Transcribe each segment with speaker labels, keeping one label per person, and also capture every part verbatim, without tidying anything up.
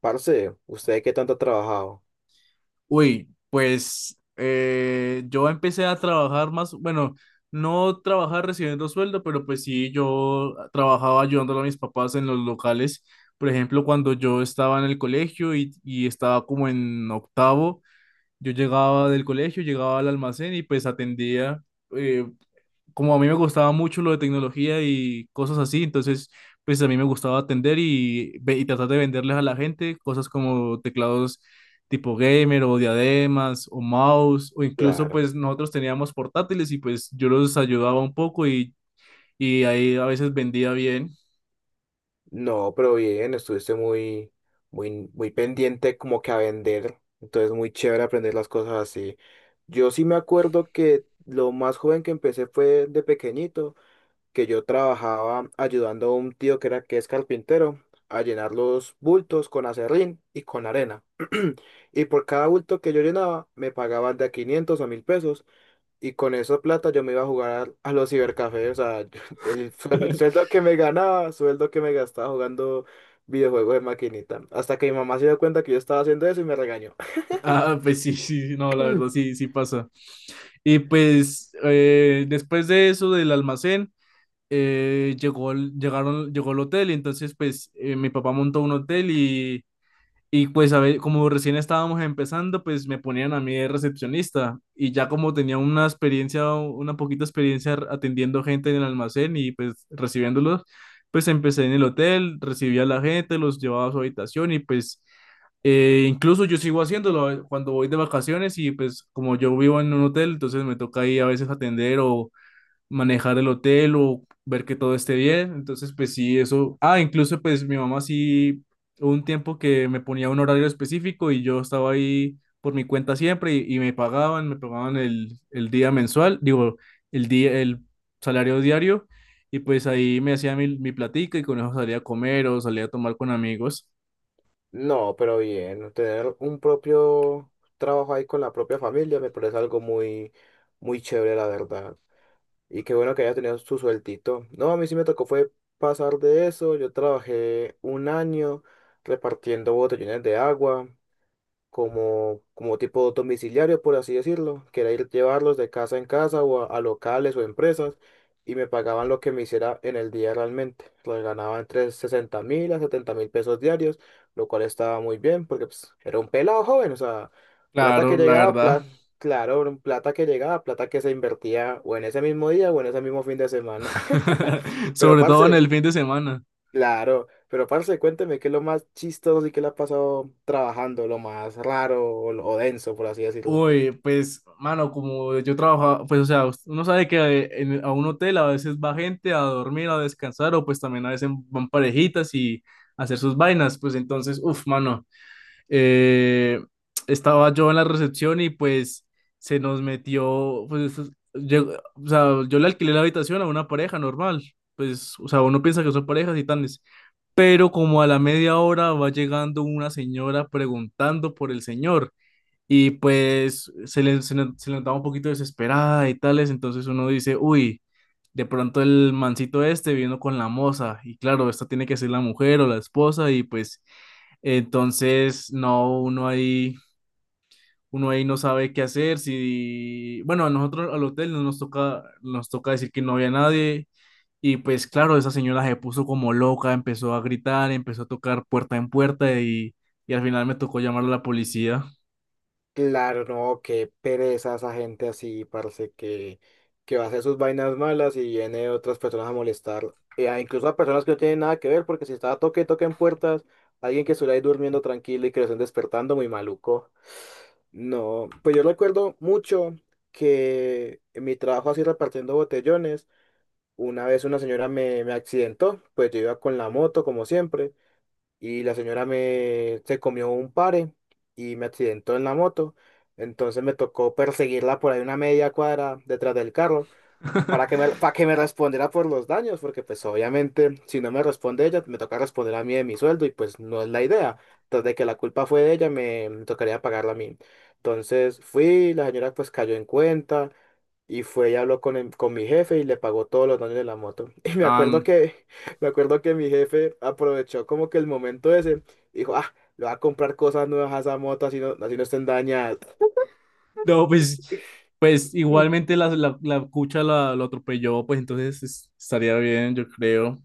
Speaker 1: Parce, ¿usted qué tanto ha trabajado?
Speaker 2: Uy, pues eh, yo empecé a trabajar más, bueno, no trabajar recibiendo sueldo, pero pues sí, yo trabajaba ayudándole a mis papás en los locales. Por ejemplo, cuando yo estaba en el colegio y, y estaba como en octavo, yo llegaba del colegio, llegaba al almacén y pues atendía. eh, Como a mí me gustaba mucho lo de tecnología y cosas así, entonces pues a mí me gustaba atender y, ve- y tratar de venderles a la gente cosas como teclados tipo gamer o diademas o mouse o incluso
Speaker 1: Claro.
Speaker 2: pues nosotros teníamos portátiles y pues yo los ayudaba un poco y, y ahí a veces vendía bien.
Speaker 1: No, pero bien, estuviste muy, muy, muy pendiente como que a vender. Entonces, muy chévere aprender las cosas así. Yo sí me acuerdo que lo más joven que empecé fue de pequeñito, que yo trabajaba ayudando a un tío que era que es carpintero a llenar los bultos con acerrín y con arena. Y por cada bulto que yo llenaba, me pagaban de a quinientos a mil pesos. Y con esa plata yo me iba a jugar a, a los cibercafés, o sea, yo- el, suel- el sueldo que me ganaba, sueldo que me gastaba jugando videojuegos de maquinita. Hasta que mi mamá se dio cuenta que yo estaba haciendo eso y me regañó.
Speaker 2: Ah, pues sí, sí, sí, no, la verdad sí, sí pasa. Y pues eh, después de eso del almacén, eh, llegó, el- llegaron, llegó el hotel y entonces pues eh, mi papá montó un hotel y Y pues, a ver, como recién estábamos empezando, pues me ponían a mí de recepcionista y ya como tenía una experiencia, una poquita experiencia r- atendiendo gente en el almacén y pues recibiéndolos, pues empecé en el hotel, recibía a la gente, los llevaba a su habitación y pues eh, incluso yo sigo haciéndolo eh, cuando voy de vacaciones y pues como yo vivo en un hotel, entonces me toca ahí a veces atender o manejar el hotel o ver que todo esté bien. Entonces, pues sí, eso. Ah, incluso pues mi mamá sí, hubo un tiempo que me ponía un horario específico y yo estaba ahí por mi cuenta siempre y, y me pagaban, me pagaban el, el día mensual, digo, el día, el salario diario y pues ahí me hacía mi, mi platica y con eso salía a comer o salía a tomar con amigos.
Speaker 1: No, pero bien, tener un propio trabajo ahí con la propia familia me parece algo muy, muy chévere, la verdad. Y qué bueno que haya tenido su sueltito. No, a mí sí me tocó fue pasar de eso. Yo trabajé un año repartiendo botellones de agua. como, como tipo domiciliario, por así decirlo, que era ir llevarlos de casa en casa o a, a locales o empresas, y me pagaban lo que me hiciera en el día realmente. Lo ganaba entre sesenta mil a setenta mil pesos diarios, lo cual estaba muy bien porque pues, era un pelado joven, o sea, plata que
Speaker 2: Claro, la
Speaker 1: llegaba,
Speaker 2: verdad.
Speaker 1: pla- claro, era un plata que llegaba, plata que se invertía o en ese mismo día o en ese mismo fin de semana. Pero
Speaker 2: Sobre todo en
Speaker 1: parce.
Speaker 2: el fin de semana.
Speaker 1: Claro, pero parce, cuénteme qué es lo más chistoso y qué le ha pasado trabajando, lo más raro o, lo- o denso, por así decirlo.
Speaker 2: Uy, pues, mano, como yo trabajaba, pues, o sea, uno sabe que eh, en- a un hotel a veces va gente a dormir, a descansar, o pues también a veces van parejitas y a hacer sus vainas, pues entonces, uff, mano, eh, estaba yo en la recepción y pues se nos metió, pues, es- llegó- o sea, yo le alquilé la habitación a una pareja normal, pues, o sea, uno piensa que son parejas y tales, pero como a la media hora va llegando una señora preguntando por el señor. Y pues se le, se le- se le notaba un poquito desesperada y tales, entonces uno dice, uy, de pronto el mancito este vino con la moza, y claro, esta tiene que ser la mujer o la esposa, y pues entonces no, uno ahí, uno ahí no sabe qué hacer, si, bueno, a nosotros al hotel no nos toca, nos toca decir que no había nadie, y pues claro, esa señora se puso como loca, empezó a gritar, empezó a tocar puerta en puerta, y, y al final me tocó llamar a la policía.
Speaker 1: Claro, no, qué pereza esa gente así, parce, que, que va a hacer sus vainas malas y viene otras personas a molestar, eh, a- incluso a personas que no tienen nada que ver, porque si estaba toque, toque en puertas, alguien que estuviera ahí durmiendo tranquilo y que lo estén despertando, muy maluco. No, pues yo recuerdo mucho que en mi trabajo así repartiendo botellones, una vez una señora me, me accidentó, pues yo iba con la moto como siempre y la señora me se comió un pare y me accidentó en la moto. Entonces me tocó perseguirla por ahí una media cuadra detrás del carro para que me, para que me respondiera por los daños, porque pues obviamente si no me responde ella, me toca responder a mí de mi sueldo y pues no es la idea. Entonces de que la culpa fue de ella, me, me tocaría pagarla a mí. Entonces fui, la señora pues cayó en cuenta y fue y habló con, el- con mi jefe y le pagó todos los daños de la moto. Y me
Speaker 2: Ah,
Speaker 1: acuerdo que, me acuerdo que mi jefe aprovechó como que el momento ese, dijo, ah, le voy a comprar cosas nuevas a esa moto así no, así no estén dañadas.
Speaker 2: no, pues, pues igualmente la, la, la cucha la, lo atropelló, pues entonces es- estaría bien, yo creo.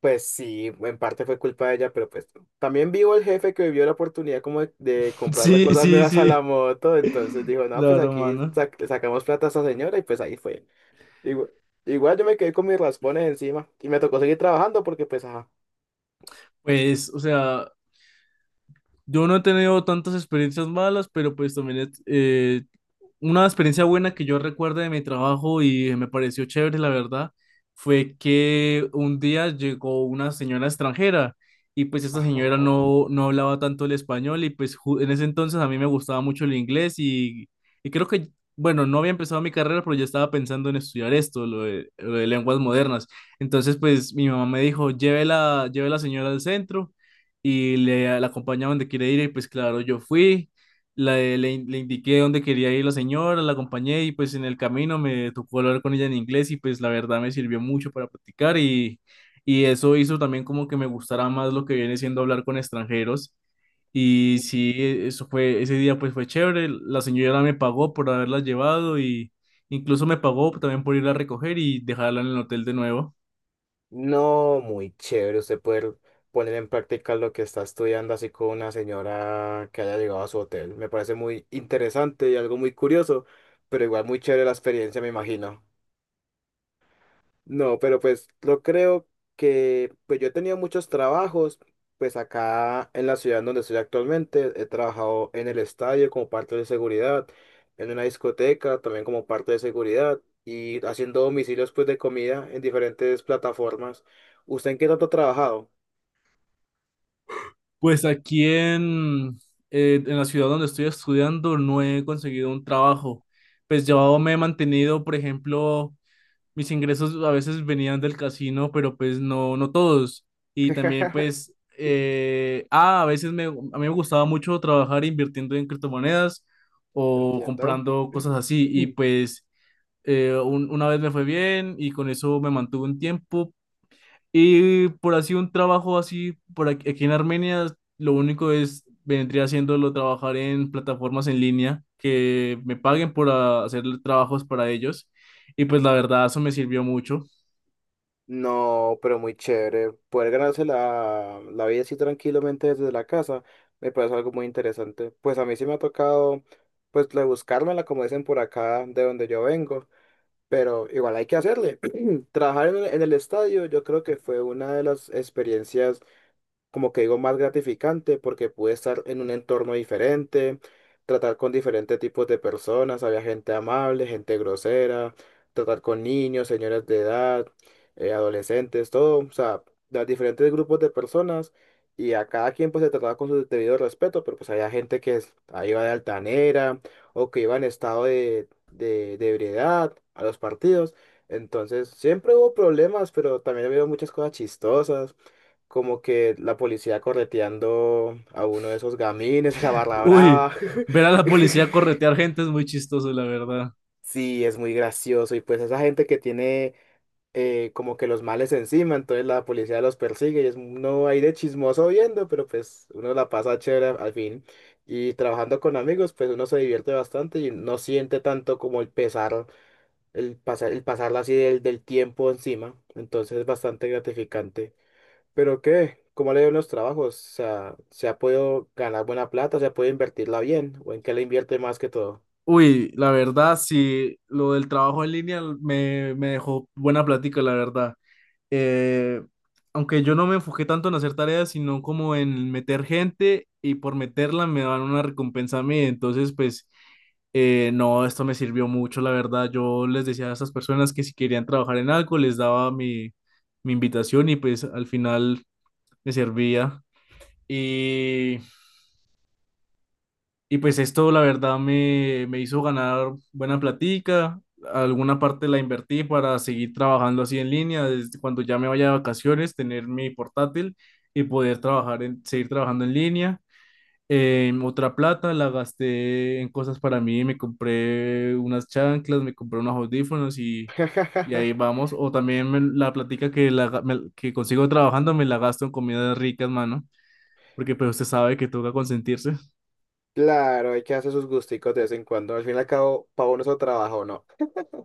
Speaker 1: Pues sí, en parte fue culpa de ella, pero pues también vivo el jefe que vio la oportunidad como de, de comprarle
Speaker 2: Sí,
Speaker 1: cosas
Speaker 2: sí,
Speaker 1: nuevas a
Speaker 2: sí,
Speaker 1: la moto, entonces dijo, no, pues
Speaker 2: claro,
Speaker 1: aquí
Speaker 2: mano.
Speaker 1: sac- sacamos plata a esa señora y pues ahí fue. Igual, igual yo me quedé con mis raspones encima y me tocó seguir trabajando porque pues, ajá,
Speaker 2: Pues, o sea, yo no he tenido tantas experiencias malas, pero pues también he, eh, una experiencia buena que yo recuerdo de mi trabajo y me pareció chévere, la verdad, fue que un día llegó una señora extranjera y pues esta señora
Speaker 1: ajá.
Speaker 2: no, no hablaba tanto el español y pues ju- en ese entonces a mí me gustaba mucho el inglés y, y creo que, bueno, no había empezado mi carrera, pero ya estaba pensando en estudiar esto, lo de, lo de lenguas modernas. Entonces pues mi mamá me dijo, llévela, lleve la señora al centro y le, la acompañaban de quiere ir y pues claro, yo fui. La- le, le indiqué dónde quería ir la señora, la acompañé y pues en el camino me tocó hablar con ella en inglés y pues la verdad me sirvió mucho para practicar y, y eso hizo también como que me gustara más lo que viene siendo hablar con extranjeros. Y sí, eso fue, ese día pues fue chévere. La señora me pagó por haberla llevado y incluso me pagó también por ir a recoger y dejarla en el hotel de nuevo.
Speaker 1: No, muy chévere usted poder poner en práctica lo que está estudiando así con una señora que haya llegado a su hotel. Me parece muy interesante y algo muy curioso, pero igual muy chévere la experiencia, me imagino. No, pero pues yo creo que, pues yo he tenido muchos trabajos, pues acá en la ciudad donde estoy actualmente, he trabajado en el estadio como parte de seguridad, en una discoteca también como parte de seguridad y haciendo domicilios pues de comida en diferentes plataformas. ¿Usted en qué tanto ha trabajado?
Speaker 2: Pues aquí en, eh, en la ciudad donde estoy estudiando no he conseguido un trabajo. Pues yo me he mantenido, por ejemplo, mis ingresos a veces venían del casino, pero pues no, no todos. Y también pues, eh, ah, a veces me, a mí me gustaba mucho trabajar invirtiendo en criptomonedas o
Speaker 1: Entiendo.
Speaker 2: comprando cosas así. Y pues eh, un- una vez me fue bien y con eso me mantuve un tiempo, y por así un trabajo así, por aquí, aquí en Armenia, lo único es, vendría haciéndolo trabajar en plataformas en línea, que me paguen por ah, hacer trabajos para ellos. Y pues la verdad, eso me sirvió mucho.
Speaker 1: No, pero muy chévere. Poder ganarse la, la vida así tranquilamente desde la casa me parece algo muy interesante. Pues a mí sí me ha tocado, pues, le- buscármela, como dicen por acá, de donde yo vengo. Pero igual hay que hacerle. Trabajar en el, en el estadio, yo creo que fue una de las experiencias como que digo, más gratificante porque pude estar en un entorno diferente, tratar con diferentes tipos de personas, había gente amable, gente grosera, tratar con niños, señores de edad, eh, adolescentes, todo, o sea, de diferentes grupos de personas y a cada quien pues se trataba con su debido respeto, pero pues había gente que es- ahí iba de altanera o que iba en estado de, de, de ebriedad a los partidos. Entonces, siempre hubo problemas, pero también había muchas cosas chistosas como que la policía correteando a uno de esos gamines de la Barra
Speaker 2: Uy,
Speaker 1: Brava.
Speaker 2: ver a la policía corretear gente es muy chistoso, la verdad.
Speaker 1: Sí, es muy gracioso. Y pues esa gente que tiene eh, como que los males encima, entonces la policía los persigue y es uno ahí de chismoso viendo, pero pues uno la pasa chévere al fin. Y trabajando con amigos, pues uno se divierte bastante y no siente tanto como el pesar, el pasar, el pasarla así del, del tiempo encima. Entonces es bastante gratificante. Pero qué, ¿cómo le ven los trabajos? O sea, ¿se ha podido ganar buena plata? ¿Se ha podido invertirla bien? ¿O en qué le invierte más que todo?
Speaker 2: Uy, la verdad, sí, lo del trabajo en línea me, me dejó buena plática, la verdad. eh, Aunque yo no me enfoqué tanto en hacer tareas, sino como en meter gente y por meterla me dan una recompensa a mí. Entonces, pues, eh, no, esto me sirvió mucho, la verdad. Yo les decía a esas personas que si querían trabajar en algo, les daba mi, mi invitación y pues al final me servía. Y y pues esto la verdad me, me hizo ganar buena platica, alguna parte la invertí para seguir trabajando así en línea, desde cuando ya me vaya de vacaciones, tener mi portátil y poder trabajar en, seguir trabajando en línea. Em, otra plata la gasté en cosas para mí, me compré unas chanclas, me compré unos audífonos y, y ahí vamos. O también me- la platica que, la, ga- me- que consigo trabajando me la gasto en comidas ricas, mano, porque pues usted sabe que toca consentirse.
Speaker 1: Claro, hay que hacer sus gusticos de vez en cuando. Al fin y al cabo, para uno es el trabajo, ¿no?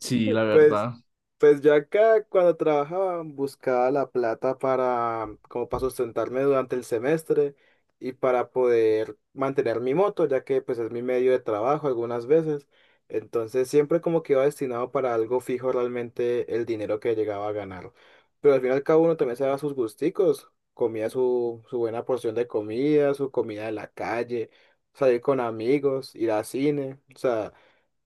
Speaker 2: Sí, la
Speaker 1: Pues,
Speaker 2: verdad.
Speaker 1: pues yo acá cuando trabajaba buscaba la plata para, como para sustentarme durante el semestre y para poder mantener mi moto, ya que pues es mi medio de trabajo algunas veces. Entonces siempre como que iba destinado para algo fijo realmente el dinero que llegaba a ganar. Pero al final y al cabo uno también se daba sus gusticos, comía su, su buena porción de comida, su comida de la calle, salir con amigos, ir al cine, o sea...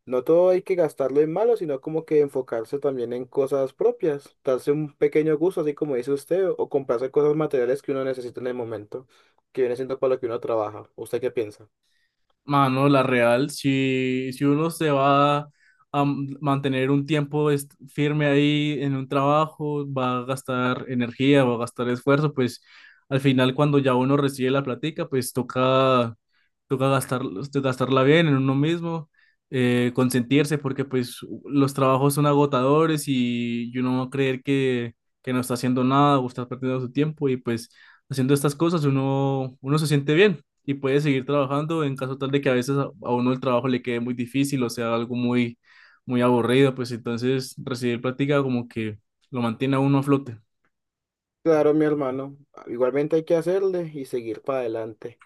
Speaker 1: No todo hay que gastarlo en malo, sino como que enfocarse también en cosas propias, darse un pequeño gusto, así como dice usted, o comprarse cosas materiales que uno necesita en el momento, que viene siendo para lo que uno trabaja. ¿Usted qué piensa?
Speaker 2: Mano, la real, si, si uno se va a m- mantener un tiempo est- firme ahí en un trabajo, va a gastar energía, va a gastar esfuerzo, pues al final cuando ya uno recibe la platica, pues toca, toca gastar, este, gastarla bien en uno mismo, eh, consentirse, porque pues los trabajos son agotadores y, y uno va a creer que, que no está haciendo nada o está perdiendo su tiempo y pues haciendo estas cosas uno, uno se siente bien y puede seguir trabajando en caso tal de que a veces a, a uno el trabajo le quede muy difícil o sea algo muy, muy aburrido, pues entonces recibir práctica como que lo mantiene a uno a flote.
Speaker 1: Claro, mi hermano, igualmente hay que hacerle y seguir para adelante.